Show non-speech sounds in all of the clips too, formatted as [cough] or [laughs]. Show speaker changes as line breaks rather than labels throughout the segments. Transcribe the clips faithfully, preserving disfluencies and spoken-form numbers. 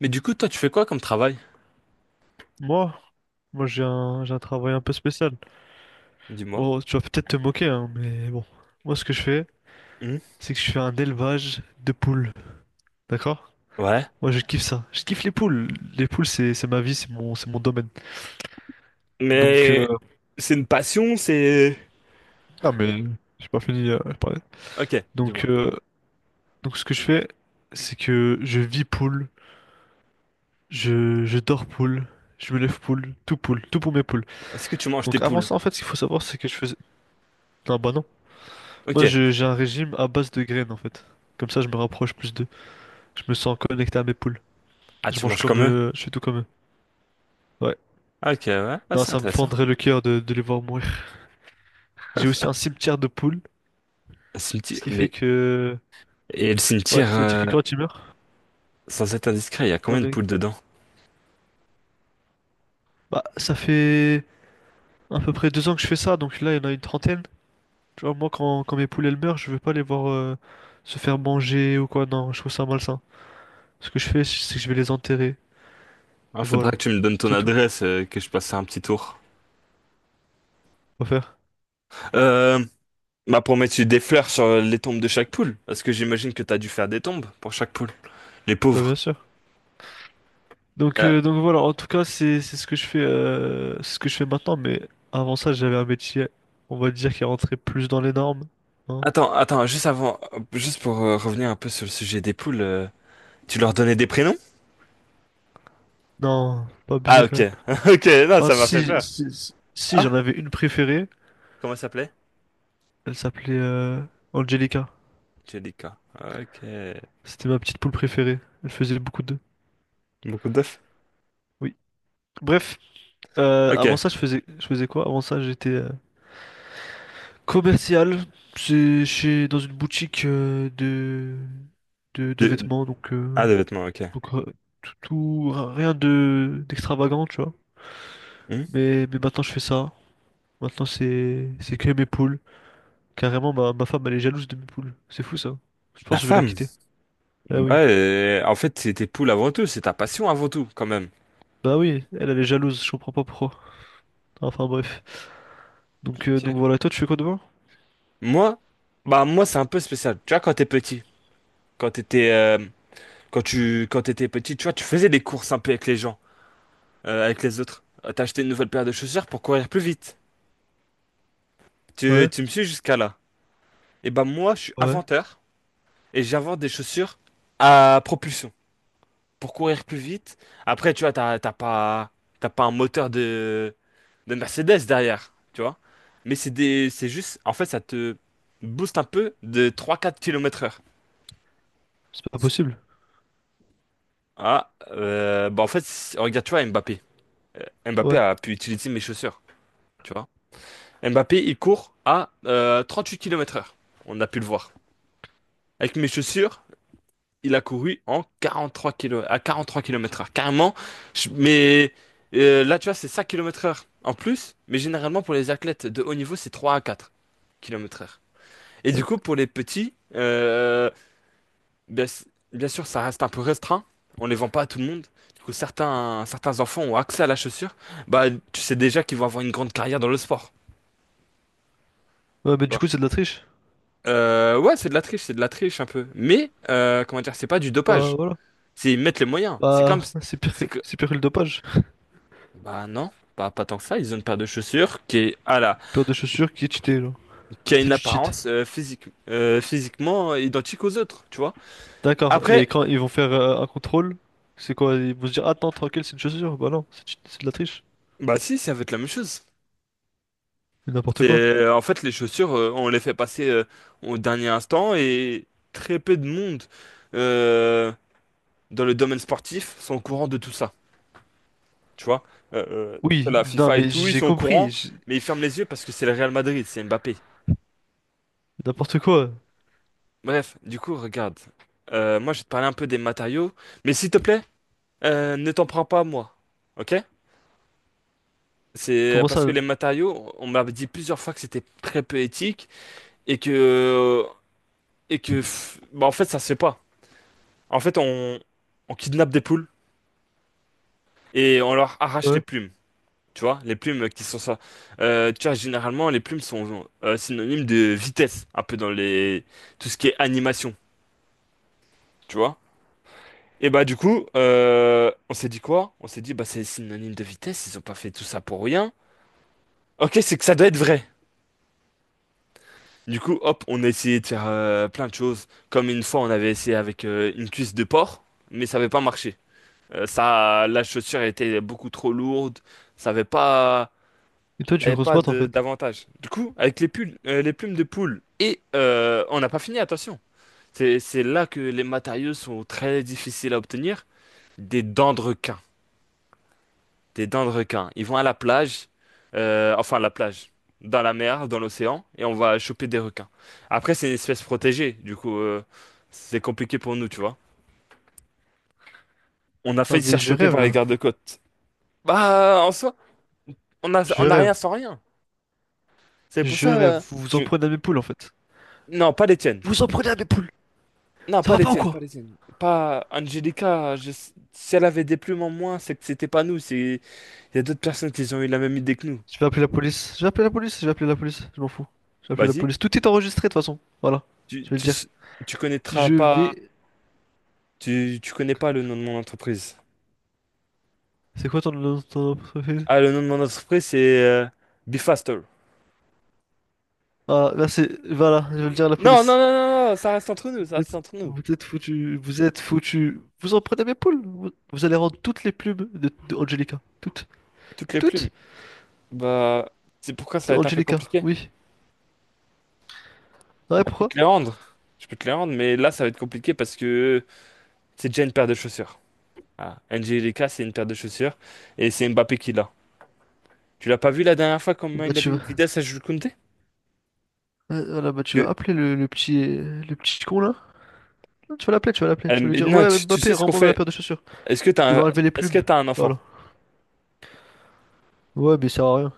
Mais du coup, toi, tu fais quoi comme travail?
Moi, moi j'ai un, j'ai un travail un peu spécial.
Dis-moi.
Bon, tu vas peut-être te moquer, hein, mais bon. Moi, ce que je fais,
Hmm.
c'est que je fais un élevage de poules. D'accord?
Ouais.
Moi, je kiffe ça. Je kiffe les poules. Les poules, c'est, c'est ma vie, c'est mon, c'est mon domaine. Donc, euh,
Mais c'est une passion, c'est...
non, mais j'ai pas fini euh, de parler.
Ok,
Donc,
dis-moi.
euh, donc, ce que je fais, c'est que je vis poule, je, je dors poule, je me lève poule, tout poule, tout pour mes poules.
Est-ce que tu manges tes
Donc, avant
poules?
ça, en fait, ce qu'il faut savoir, c'est que je faisais. Non, bah non.
Ok.
Moi, je- j'ai un régime à base de graines, en fait. Comme ça, je me rapproche plus de… Je me sens connecté à mes poules.
Ah,
Je
tu
mange
manges
comme
comme eux?
eux, je suis tout comme eux. Ouais.
Ah, ok, ouais. Ah,
Non,
c'est
ça me
intéressant.
fendrait le cœur de, de les voir mourir. [laughs] J'ai aussi un cimetière de poules,
Le cimetière-
ce qui fait
Mais...
que…
Et le
Ouais,
cimetière,
ça veut dire
euh,
que quand tu meurs…
sans être indiscret, il y a
Non
combien de
mais…
poules dedans?
Bah, ça fait à peu près deux ans que je fais ça, donc là, il y en a une trentaine. Tu vois, moi, quand, quand mes poules, elles meurent, je veux pas les voir euh, se faire manger ou quoi. Non, je trouve ça malsain. Ce que je fais, c'est que je vais les enterrer.
Ah,
Et
faudra
voilà.
que tu me donnes ton
C'est tout.
adresse, euh, que je passe un petit tour.
On va faire.
Euh... Bah, pour mettre des fleurs sur les tombes de chaque poule. Parce que j'imagine que t'as dû faire des tombes pour chaque poule. Les
Bah, bien
pauvres.
sûr. Donc,
Euh,
euh, donc voilà, en tout cas, c'est c'est ce que je fais, euh, c'est ce que je fais maintenant. Mais avant ça, j'avais un métier, on va dire, qui rentrait plus dans les normes, hein.
Attends, attends, juste avant, juste pour euh, revenir un peu sur le sujet des poules, euh, tu leur donnais des prénoms?
Non, faut pas
Ah,
abusé quand
ok.
même.
[laughs] Ok, non,
Enfin,
ça m'a fait
si,
peur.
si, si- si,
Ah,
j'en avais une préférée,
comment ça s'appelait?
elle s'appelait euh, Angelica.
Jellica. Ok.
C'était ma petite poule préférée. Elle faisait beaucoup d'œufs.
Beaucoup d'œufs.
Oui. Bref, euh, avant
Ok.
ça, je faisais, je faisais quoi? Avant ça, j'étais euh, commercial. C'est chez dans une boutique euh, de, de de
De...
vêtements, donc. euh,
Ah, des vêtements, ok.
Donc euh, tout, tout- rien de d'extravagant, tu vois.
Hmm.
Mais, mais maintenant je fais ça. Maintenant c'est c'est que mes poules. Carrément ma, ma femme elle est jalouse de mes poules. C'est fou ça. Je pense
La
que je vais la
femme.
quitter. Ah
Ouais,
oui.
euh, en fait, c'est tes poules avant tout, c'est ta passion avant tout, quand même.
Bah oui, elle elle est jalouse, je comprends pas pourquoi. Enfin bref. Donc euh,
Ok.
donc voilà, toi tu fais quoi demain?
Moi, bah, moi, c'est un peu spécial. Tu vois, quand t'es petit, quand t'étais, euh, quand tu, quand t'étais petit, tu vois, tu faisais des courses un peu avec les gens, euh, avec les autres. Euh, T'as acheté une nouvelle paire de chaussures pour courir plus vite. Tu,
Ouais,
tu me suis jusqu'à là. Et ben moi, je suis
ouais.
inventeur et j'invente des chaussures à propulsion pour courir plus vite. Après, tu vois, t'as t'as pas, t'as pas un moteur de, de Mercedes derrière, tu vois. Mais c'est des, c'est juste, en fait, ça te booste un peu de trois quatre kilomètres heure.
C'est pas possible.
Ah, euh, bah en fait, c'est- regarde, tu vois, Mbappé. Mbappé
Ouais.
a pu utiliser mes chaussures, tu vois. Mbappé, il court à euh, huit kilomètres heure. On a pu le voir. Avec mes chaussures, il a couru en quarante-trois kilo, à quarante-trois kilomètres heure. Carrément, je- mais euh, là, tu vois, c'est cinq kilomètres heure en plus, mais généralement pour les athlètes de haut niveau, c'est trois à quatre kilomètres heure. Et du coup, pour les petits, euh, bien, s- bien sûr, ça reste un peu restreint. On les vend pas à tout le monde. Du coup, certains, certains enfants ont accès à la chaussure. Bah, tu sais déjà qu'ils vont avoir une grande carrière dans le sport.
Ouais
Tu
mais du
vois.
coup c'est de la triche.
Euh, ouais, c'est de la triche, c'est de la triche un peu. Mais, euh, comment dire, c'est pas du
Bah
dopage.
voilà.
C'est ils mettent les moyens. C'est comme,
Bah c'est pire que
c'est
c'est pire que le dopage.
Bah non, pas, pas tant que ça. Ils ont une paire de chaussures qui est à la,
Paire de chaussures qui est
qui,
cheatée genre.
qui a
C'est
une
du cheat.
apparence euh, physique, euh, physiquement identique aux autres, tu vois.
D'accord. Et
Après,
quand ils vont faire euh, un contrôle, c'est quoi? Ils vont se dire, attends, tranquille, c'est une chaussure. Bah non, c'est c'est de la triche.
bah si, ça va être la même chose.
Mais n'importe quoi.
C'est, en fait, les chaussures, euh, on les fait passer euh, au dernier instant et très peu de monde euh, dans le domaine sportif sont au courant de tout ça, tu vois. Euh, euh, sur
Oui,
la
non,
FIFA et
mais
tout, ils
j'ai
sont au
compris.
courant,
j'-
mais ils ferment les yeux parce que c'est le Real Madrid, c'est Mbappé.
N'importe quoi.
Bref, du coup, regarde. Euh, moi, je vais te parler un peu des matériaux, mais s'il te plaît. Euh, ne t'en prends pas à moi. Ok? C'est
Comment
parce que
ça?
les matériaux, on m'a dit plusieurs fois que c'était très peu éthique et que et que pff, bah en fait ça se fait pas. En fait, on on kidnappe des poules et on leur arrache les
Ouais.
plumes. Tu vois, les plumes qui sont ça. Euh, tu vois, généralement, les plumes sont euh, synonymes de vitesse, un peu dans les tout ce qui est animation. Tu vois? Et bah du coup, euh, on s'est dit quoi? On s'est dit bah c'est synonyme de vitesse. Ils ont pas fait tout ça pour rien. Ok, c'est que ça doit être vrai. Du coup, hop, on a essayé de faire euh, plein de choses. Comme une fois, on avait essayé avec euh, une cuisse de porc, mais ça n'avait pas marché. Euh, ça, la chaussure était beaucoup trop lourde. Ça n'avait pas,
Et toi,
ça
tu veux
avait
qu'on se
pas
batte en
de-
fait?
d'avantage. Du coup, avec les pulls, euh, les plumes de poule, et euh, on n'a pas fini, attention. C'est, c'est là que les matériaux sont très difficiles à obtenir. Des dents de requin. Des dents de requin. Ils vont à la plage, euh, enfin à la plage, dans la mer, dans l'océan, et on va choper des requins. Après, c'est une espèce protégée, du coup, euh, c'est compliqué pour nous, tu vois. On a
Non,
failli se
mais
faire
je
choper
rêve
par les
là.
gardes-côtes. Bah, en soi, on a,
Je
on a
rêve.
rien sans rien. C'est pour
Je
ça,
rêve.
euh,
Vous vous en
tu...
prenez à mes poules en fait.
Non, pas les tiennes.
Vous vous en prenez à mes poules.
Non,
Ça
pas
va
les
pas ou
tiennes,
quoi?
pas les tiennes. Pas Angelica, je- si elle avait des plumes en moins, c'est que c'était pas nous. c'est... Il y a d'autres personnes qui ont eu la même idée que nous.
Je vais appeler la police. Je vais appeler la police. Je vais appeler la police. Je m'en fous. Je vais appeler la
Vas-y,
police. Tout est enregistré de toute façon. Voilà.
tu,
Je vais le
tu,
dire.
tu connaîtras
Je
pas.
vais.
Tu, tu connais pas le nom de mon entreprise.
C'est quoi ton, ton… ton- ton-
Ah, le nom de mon entreprise, c'est euh, Be Faster.
Ah, là c'est. Voilà. Je vais le dire à la
Non, non,
police.
non, non, non, ça reste entre nous, ça
Vous êtes,
reste entre nous.
vous êtes foutu, vous êtes foutu. Vous en prenez mes poules. Vous, vous allez rendre toutes les plumes de, de Angelica. Toutes.
Toutes les
Toutes
plumes. Bah, c'est pourquoi ça
de
va être un peu
Angelica,
compliqué.
oui. Ah
Bah,
ouais,
je peux
pourquoi?
te les rendre. Je peux te les rendre, mais là, ça va être compliqué parce que c'est déjà une paire de chaussures. Ah, Angelica, c'est une paire de chaussures. Et c'est Mbappé qui l'a. Tu l'as pas vu la dernière fois comment
Bah
il a mis
tu
une
vas,
vitesse à Jules Koundé?
ouais, voilà, bah, tu
Que-
vas appeler le, le petit, le petit con là. Tu vas l'appeler, tu vas l'appeler.
Euh,
Tu vas lui
mais
dire,
non,
ouais,
tu, tu
Mbappé,
sais ce qu'on
rends-moi la
fait.
paire de chaussures.
Est-ce que
Tu vas
t'as un,
enlever les
est-ce
plumes.
que t'as un enfant?
Voilà. Ouais, mais ça sert à rien.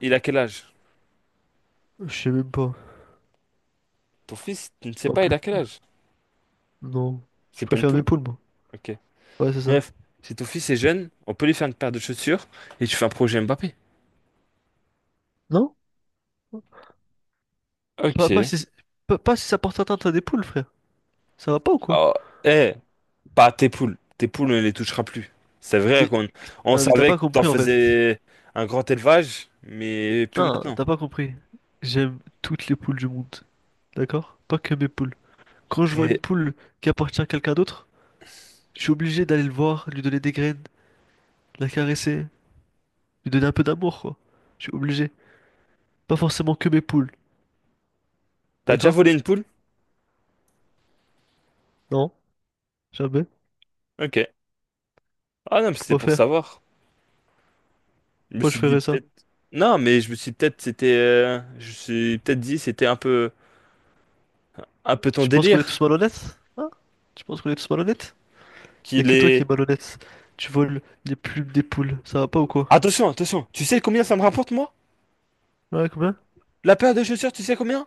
Il a quel âge?
Je sais même pas.
Ton fils, tu ne sais
Pas
pas, il
plus.
a quel âge?
Non. Je
C'est pas une
préfère
poule.
mes poules, moi.
Ok.
Ouais, c'est ça.
Bref, si ton fils est jeune, on peut lui faire une paire de chaussures et tu fais un projet Mbappé.
Non? Pas, pas
Ok.
si, pas, pas si ça porte atteinte à des poules, frère. Ça va pas ou quoi?
Oh, eh, pas tes poules. Tes poules, on les touchera plus. C'est vrai
Mais,
qu'on on
non, mais t'as
savait
pas
que t'en
compris en fait.
faisais un grand élevage, mais plus
Non,
maintenant.
t'as pas compris. J'aime toutes les poules du monde. D'accord? Pas que mes poules. Quand je vois une
T'es-
poule qui appartient à quelqu'un d'autre, je suis obligé d'aller le voir, lui donner des graines, la caresser, lui donner un peu d'amour, quoi. Je suis obligé. Pas forcément que mes poules.
T'as déjà
D'accord?
volé une poule?
Non, jamais.
Ok. Ah non, mais c'était
Pourquoi
pour
faire?
savoir. Je me
Pourquoi je
suis dit
ferais ça?
peut-être. Non, mais je me suis peut-être c'était. euh, je me suis peut-être dit c'était un peu un peu ton
Tu penses qu'on est
délire.
tous malhonnêtes? Hein? Tu penses qu'on est tous malhonnêtes? Y'a
Qu'il
que toi qui es
est.
malhonnête. Tu voles les plumes des poules. Ça va pas ou quoi?
Attention, attention. Tu sais combien ça me rapporte moi?
Ouais, combien?
La paire de chaussures, tu sais combien?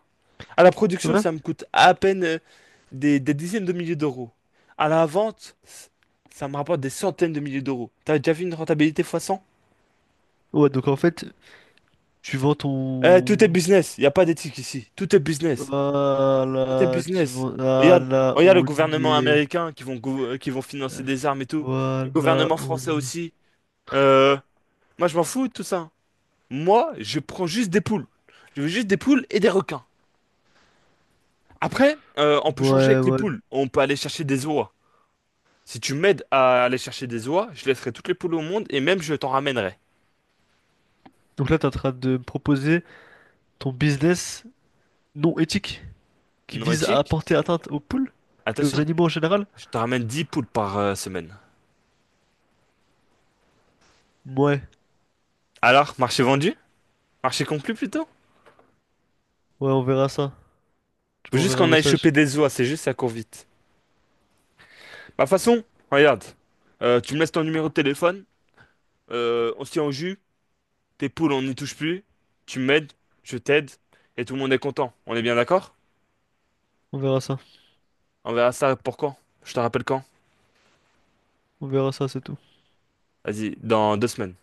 À la production,
Ouais?
ça me coûte à peine euh, des, des dizaines de milliers d'euros. À la vente, c- ça me rapporte des centaines de milliers d'euros. T'as déjà vu une rentabilité fois cent?
Ouais, donc en fait, tu vends
Euh, tout est
ton…
business. Il n'y a pas d'éthique ici. Tout est business. Tout est
Voilà, tu
business.
vois,
Regarde,
voilà,
regarde le
on y
gouvernement
est.
américain qui vont, gou- euh, qui vont financer des armes et tout. Le
Voilà,
gouvernement
on
français
y est.
aussi. Euh, Moi, je m'en fous de tout ça. Moi, je prends juste des poules. Je veux juste des poules et des requins. Après, euh, on peut changer
Ouais,
avec les
ouais.
poules. On peut aller chercher des oies. Si tu m'aides à aller chercher des oies, je laisserai toutes les poules au monde et même je t'en ramènerai.
Donc là, t'es en train de me proposer ton business non éthique qui
Non
vise à
éthique?
apporter atteinte aux poules et aux
Attention,
animaux en général?
je te ramène dix poules par euh, semaine.
Ouais,
Alors, marché vendu? Marché conclu plutôt?
ouais, on verra ça. Tu
Faut juste
m'enverras un
qu'on aille
message.
choper des oies, c'est juste ça court vite. Bah façon, regarde, Euh, tu me laisses ton numéro de téléphone, euh, on se tient au jus, tes poules on n'y touche plus, tu m'aides, je t'aide, et tout le monde est content. On est bien d'accord?
On verra ça.
On verra ça pour quand? Je te rappelle quand?
On verra ça, c'est tout.
Vas-y, dans deux semaines.